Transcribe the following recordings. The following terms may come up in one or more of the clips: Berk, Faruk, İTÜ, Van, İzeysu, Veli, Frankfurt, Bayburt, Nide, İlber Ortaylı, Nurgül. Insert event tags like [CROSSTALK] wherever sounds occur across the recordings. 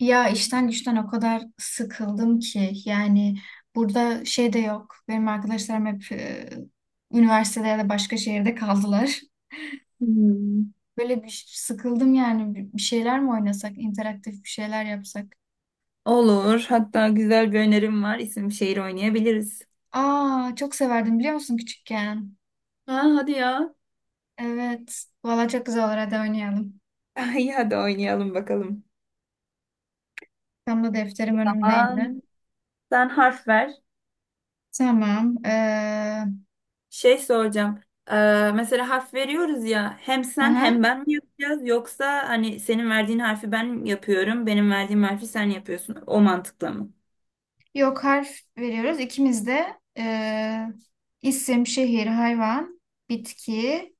Ya işten güçten o kadar sıkıldım ki yani burada şey de yok. Benim arkadaşlarım hep üniversitede ya da başka şehirde kaldılar. Hmm. [LAUGHS] Böyle bir sıkıldım yani bir şeyler mi oynasak, interaktif bir şeyler yapsak. Olur. Hatta güzel bir önerim var. İsim şehir oynayabiliriz. Aa çok severdim biliyor musun küçükken? Ha, hadi ya. Evet. Valla çok güzel olur, hadi oynayalım. [LAUGHS] İyi hadi oynayalım bakalım. Tam da defterim önümdeydi. Aman, sen harf ver. Tamam. Şey soracağım. Mesela harf veriyoruz ya. Hem sen Aha, hem ben mi yapacağız? Yoksa hani senin verdiğin harfi ben yapıyorum. Benim verdiğim harfi sen yapıyorsun. O mantıkla mı? yok, harf veriyoruz. İkimiz de isim, şehir, hayvan, bitki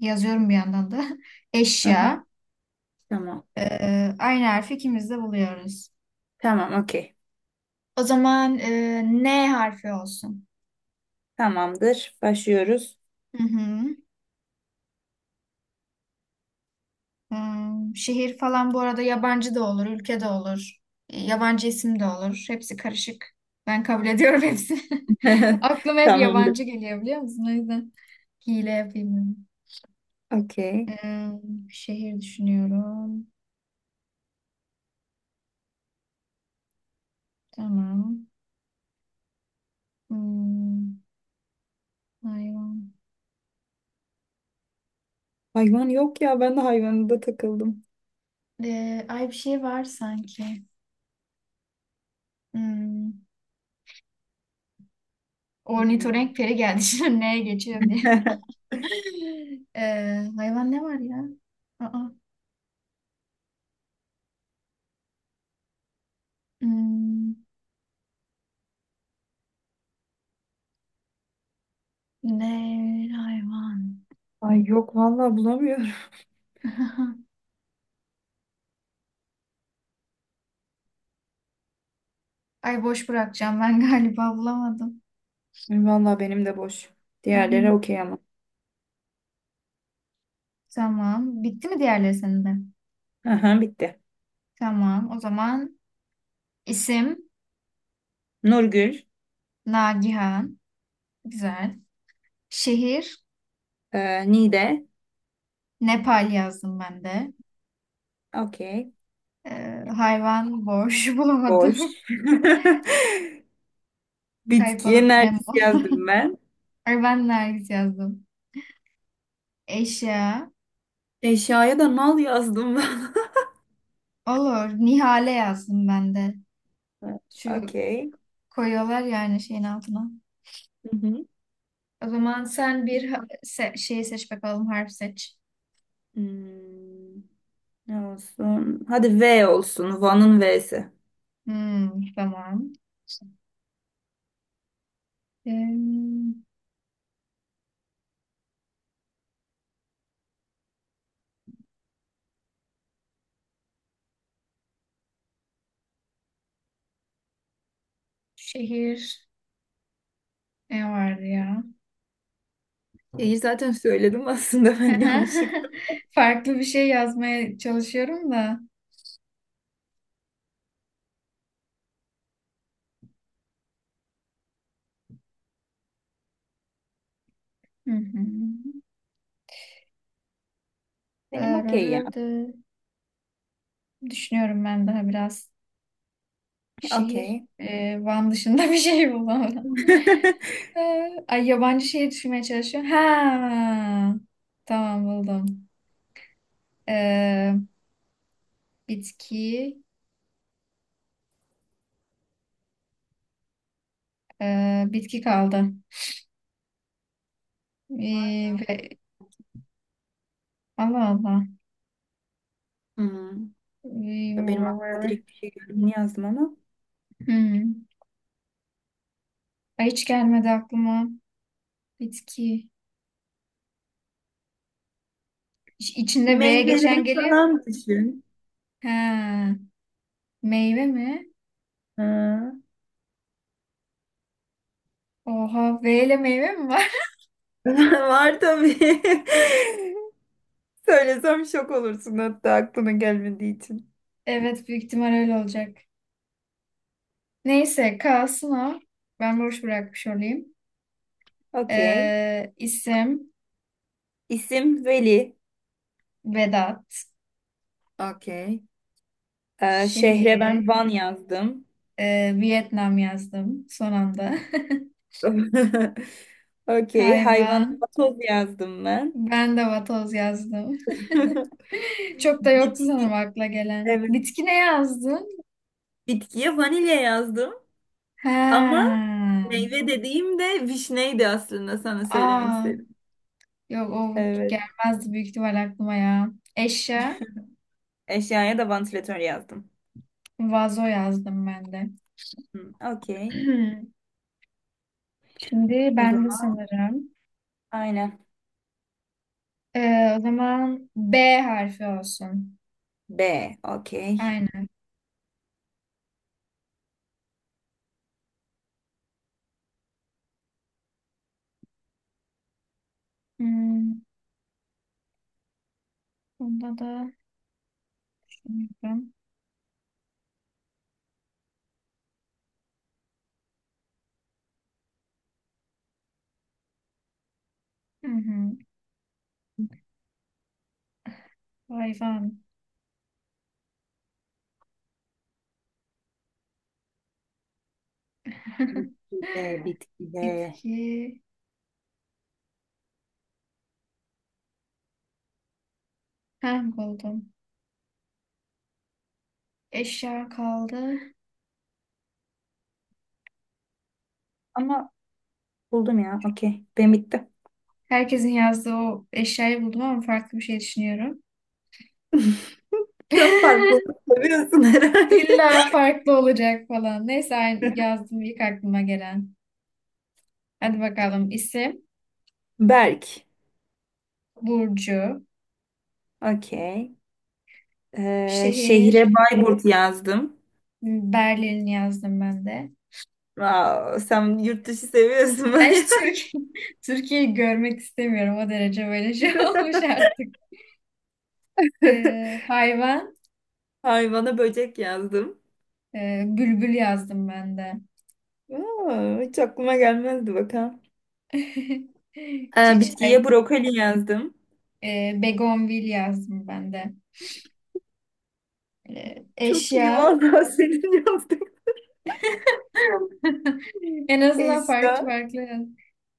yazıyorum bir yandan da. [LAUGHS] Aha, Eşya. tamam. E, Aynı harfi ikimiz de buluyoruz. Tamam, okey. O zaman N harfi olsun. Tamamdır. Başlıyoruz. Hı hı. Hmm, şehir falan bu arada yabancı da olur, ülke de olur. Yabancı isim de olur. Hepsi karışık. Ben kabul ediyorum hepsini. [LAUGHS] [LAUGHS] Aklıma hep Tamamdır. yabancı geliyor biliyor musun? O yüzden hile yapayım dedim. Okey. Ee, şehir düşünüyorum. Tamam. Hmm, hayvan. Hayvan yok ya. Ben de hayvanında takıldım. Ay bir şey var sanki. Hmm, Ne? ornitorenk peri geldi [LAUGHS] şimdi neye geçiyor diye. [LAUGHS] [LAUGHS] Hayvan ne var ya? Aa, hmm, ne hayvan? Ay yok, vallahi bulamıyorum. [LAUGHS] Ay, boş bırakacağım, ben galiba bulamadım. Vallahi benim de boş. Hı hı. Diğerleri okey ama. Tamam. Bitti mi diğerleri senin de? Aha, bitti. Tamam. O zaman isim Nurgül. Nagihan. Güzel. Şehir Nide. Nepal yazdım ben de. Okey. Hayvan boş [LAUGHS] Boş. bulamadım. [LAUGHS] Kayıp Bitkiye balık Nemo. nergis yazdım ben. Ay, ben Nergis yazdım. Eşya. Eşyaya da nal yazdım ben. Olur. Nihale yazdım ben de. [LAUGHS] Şu Okey. koyuyorlar yani şeyin altına. Hı hı. O zaman sen bir şeyi seç bakalım. Harf seç. Hmm, ne olsun? Hadi V olsun. Van'ın V'si. Hmm, tamam. Ee, şehir. Ne vardı ya? Şeyi zaten söyledim aslında ben yanlışlıkla. [LAUGHS] Farklı bir şey yazmaya çalışıyorum da. Hı hı. Benim okey ya. Ee, düşünüyorum ben daha biraz. Şehir, Okey. Van dışında bir şey bulamadım. [LAUGHS] E, ay yabancı şehir düşünmeye çalışıyorum. Ha. Tamam, buldum. E, bitki, bitki kaldı. E, Var ya. Var. ve, Allah Allah. Hmm. E, Ya, benim aklıma direkt bir şey geldi. Bunu yazdım ama. hmm. Ay hiç gelmedi aklıma. Bitki. İçinde V geçen Meyveleri geliyor. falan düşün. Ha. Meyve mi? Ha. Oha, V ile meyve mi var? [LAUGHS] [LAUGHS] Var tabii. [LAUGHS] Söylesem şok olursun hatta aklına gelmediği için. Evet, büyük ihtimal öyle olacak. Neyse kalsın o. Ben boş bırakmış olayım. Okey. İsim İsim Veli. Vedat. Okey. Şehre ben Şehir, Van yazdım. Vietnam yazdım son anda. [LAUGHS] [LAUGHS] Okey. Hayvana Hayvan, vatoz yazdım ben. ben de vatoz yazdım. [LAUGHS] [LAUGHS] Çok da yoktu Bitki. sanırım akla gelen. Evet. Bitki ne yazdın? Bitkiye vanilya yazdım ama Ha. meyve dediğim de vişneydi, aslında sana söylemek Aa, istedim. yok, o Evet. gelmezdi büyük ihtimal aklıma ya. Eşya, Eşyaya da vantilatör yazdım. vazo yazdım ben de. Hı, okey. [CLEARS THROAT] Şimdi O ben de zaman sanırım. aynen. O zaman B harfi olsun. B. Okey. Aynen. Hmm, bunda da hayvan. Hı hı. Hayvan. Bitki [LAUGHS] de, bitki de. Bitki. Ha, buldum. Eşya kaldı. Ama buldum ya. Okey. Benim bitti. Herkesin yazdığı o eşyayı buldum ama farklı bir şey düşünüyorum. [LAUGHS] Sen farklılık [LAUGHS] seviyorsun herhalde. İlla farklı olacak falan. Neyse yazdım ilk aklıma gelen. Hadi bakalım. İsim, [LAUGHS] Berk. Burcu, Okey. Şehre şehir, Bayburt yazdım. Berlin yazdım ben de. Wow, sen yurt dışı seviyorsun Ben bayağı. hiç Türkiye, [LAUGHS] Türkiye'yi görmek istemiyorum. O derece böyle şey [LAUGHS] olmuş artık. [LAUGHS] Hayvan. Hayvana böcek yazdım. Bülbül yazdım ben de. Aa, hiç aklıma gelmezdi bakalım. [LAUGHS] Çiçek, Bitkiye brokoli yazdım. Begonvil yazdım ben de. Çok iyi Eşya. vallahi, [LAUGHS] senin yazdığın. [LAUGHS] En azından farklı Eşya. farklı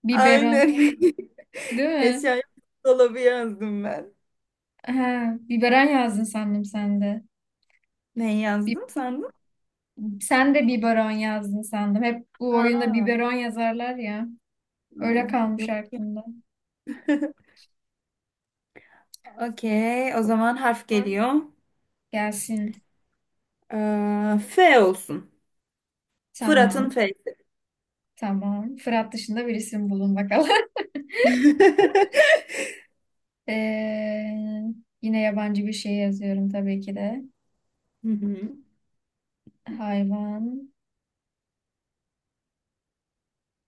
biberon, Aynen. [LAUGHS] değil mi? Eşya dolabı yazdım ben. Ha, biberon yazdın sandım sen de. Ne Bi- yazdım sandın? sen de biberon yazdın sandım. Hep bu Ha. oyunda biberon yazarlar ya. Öyle Ha. kalmış Yok yok. aklımda. Okey. O zaman harf Var. geliyor. Gelsin. F olsun. Fırat'ın Tamam. F. Tamam. Fırat dışında bir isim bulun bakalım. [LAUGHS] Ee, yine yabancı bir şey yazıyorum tabii ki de. Hı hı. Hayvan.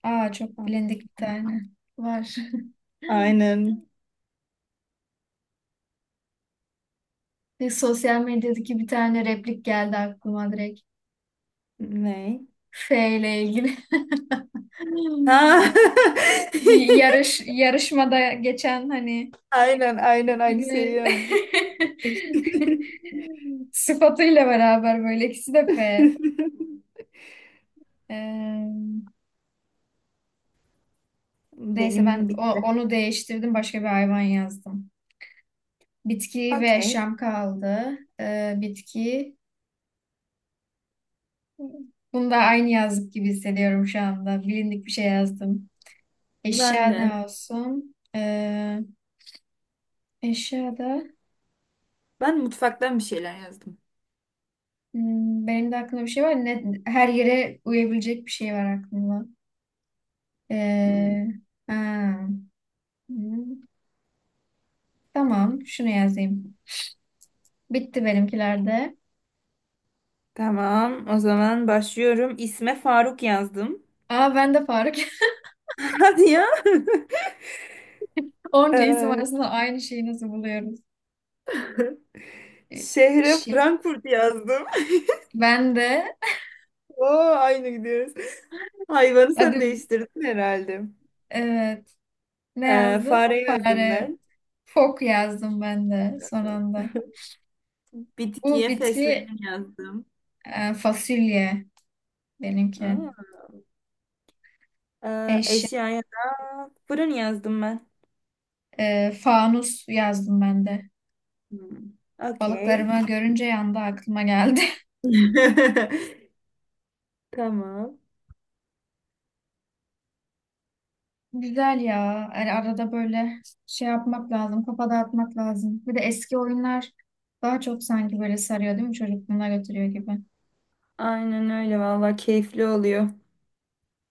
Aa, çok bilindik bir tane var. [LAUGHS] Aynen. Bir sosyal medyadaki bir tane replik geldi aklıma direkt. Ne? F ile ilgili. [LAUGHS] Hmm. Ha. [LAUGHS] Bir yarışmada geçen hani Aynen, aynen, aynı şeyi bilmem yazdık. [LAUGHS] [LAUGHS] sıfatıyla beraber, böyle ikisi de F. Ee, neyse, ben Benim bitti. onu değiştirdim, başka bir hayvan yazdım. Bitki ve Okey. yaşam kaldı. Bitki. Bunu da aynı yazdık gibi hissediyorum şu anda. Bilindik bir şey yazdım. Eşya Ben de. ne olsun? Eşyada Ben mutfaktan bir şeyler yazdım. hmm, benim de aklımda bir şey var. Ne, her yere uyabilecek bir şey var aklımda. Ee, ha, hmm, tamam, şunu yazayım. Bitti benimkilerde. Tamam, o zaman başlıyorum. İsme Faruk yazdım. Aa, ben de Faruk. [LAUGHS] Hadi ya. [LAUGHS] Onca isim Ee, arasında aynı şeyi nasıl buluyoruz? Ee, şehre Şey, Frankfurt yazdım. ben de, [LAUGHS] Oo, aynı gidiyoruz. Hayvanı hadi, sen değiştirdin herhalde. evet. Ne yazdın? Fare yazdım Fare. ben. Fok yazdım ben de son anda. Bu Bitkiye bitki, fesleğen yazdım. Fasulye benimki. Aa. Eşya. Eşyaya da fırın yazdım ben. Fanus yazdım ben de. Hmm. Okey. Balıklarımı görünce yanda aklıma geldi. [LAUGHS] Tamam. [LAUGHS] Güzel ya. Yani arada böyle şey yapmak lazım. Kafa dağıtmak lazım. Bir de eski oyunlar daha çok sanki böyle sarıyor, değil mi? Çocukluğuna götürüyor gibi. Aynen öyle, vallahi keyifli oluyor.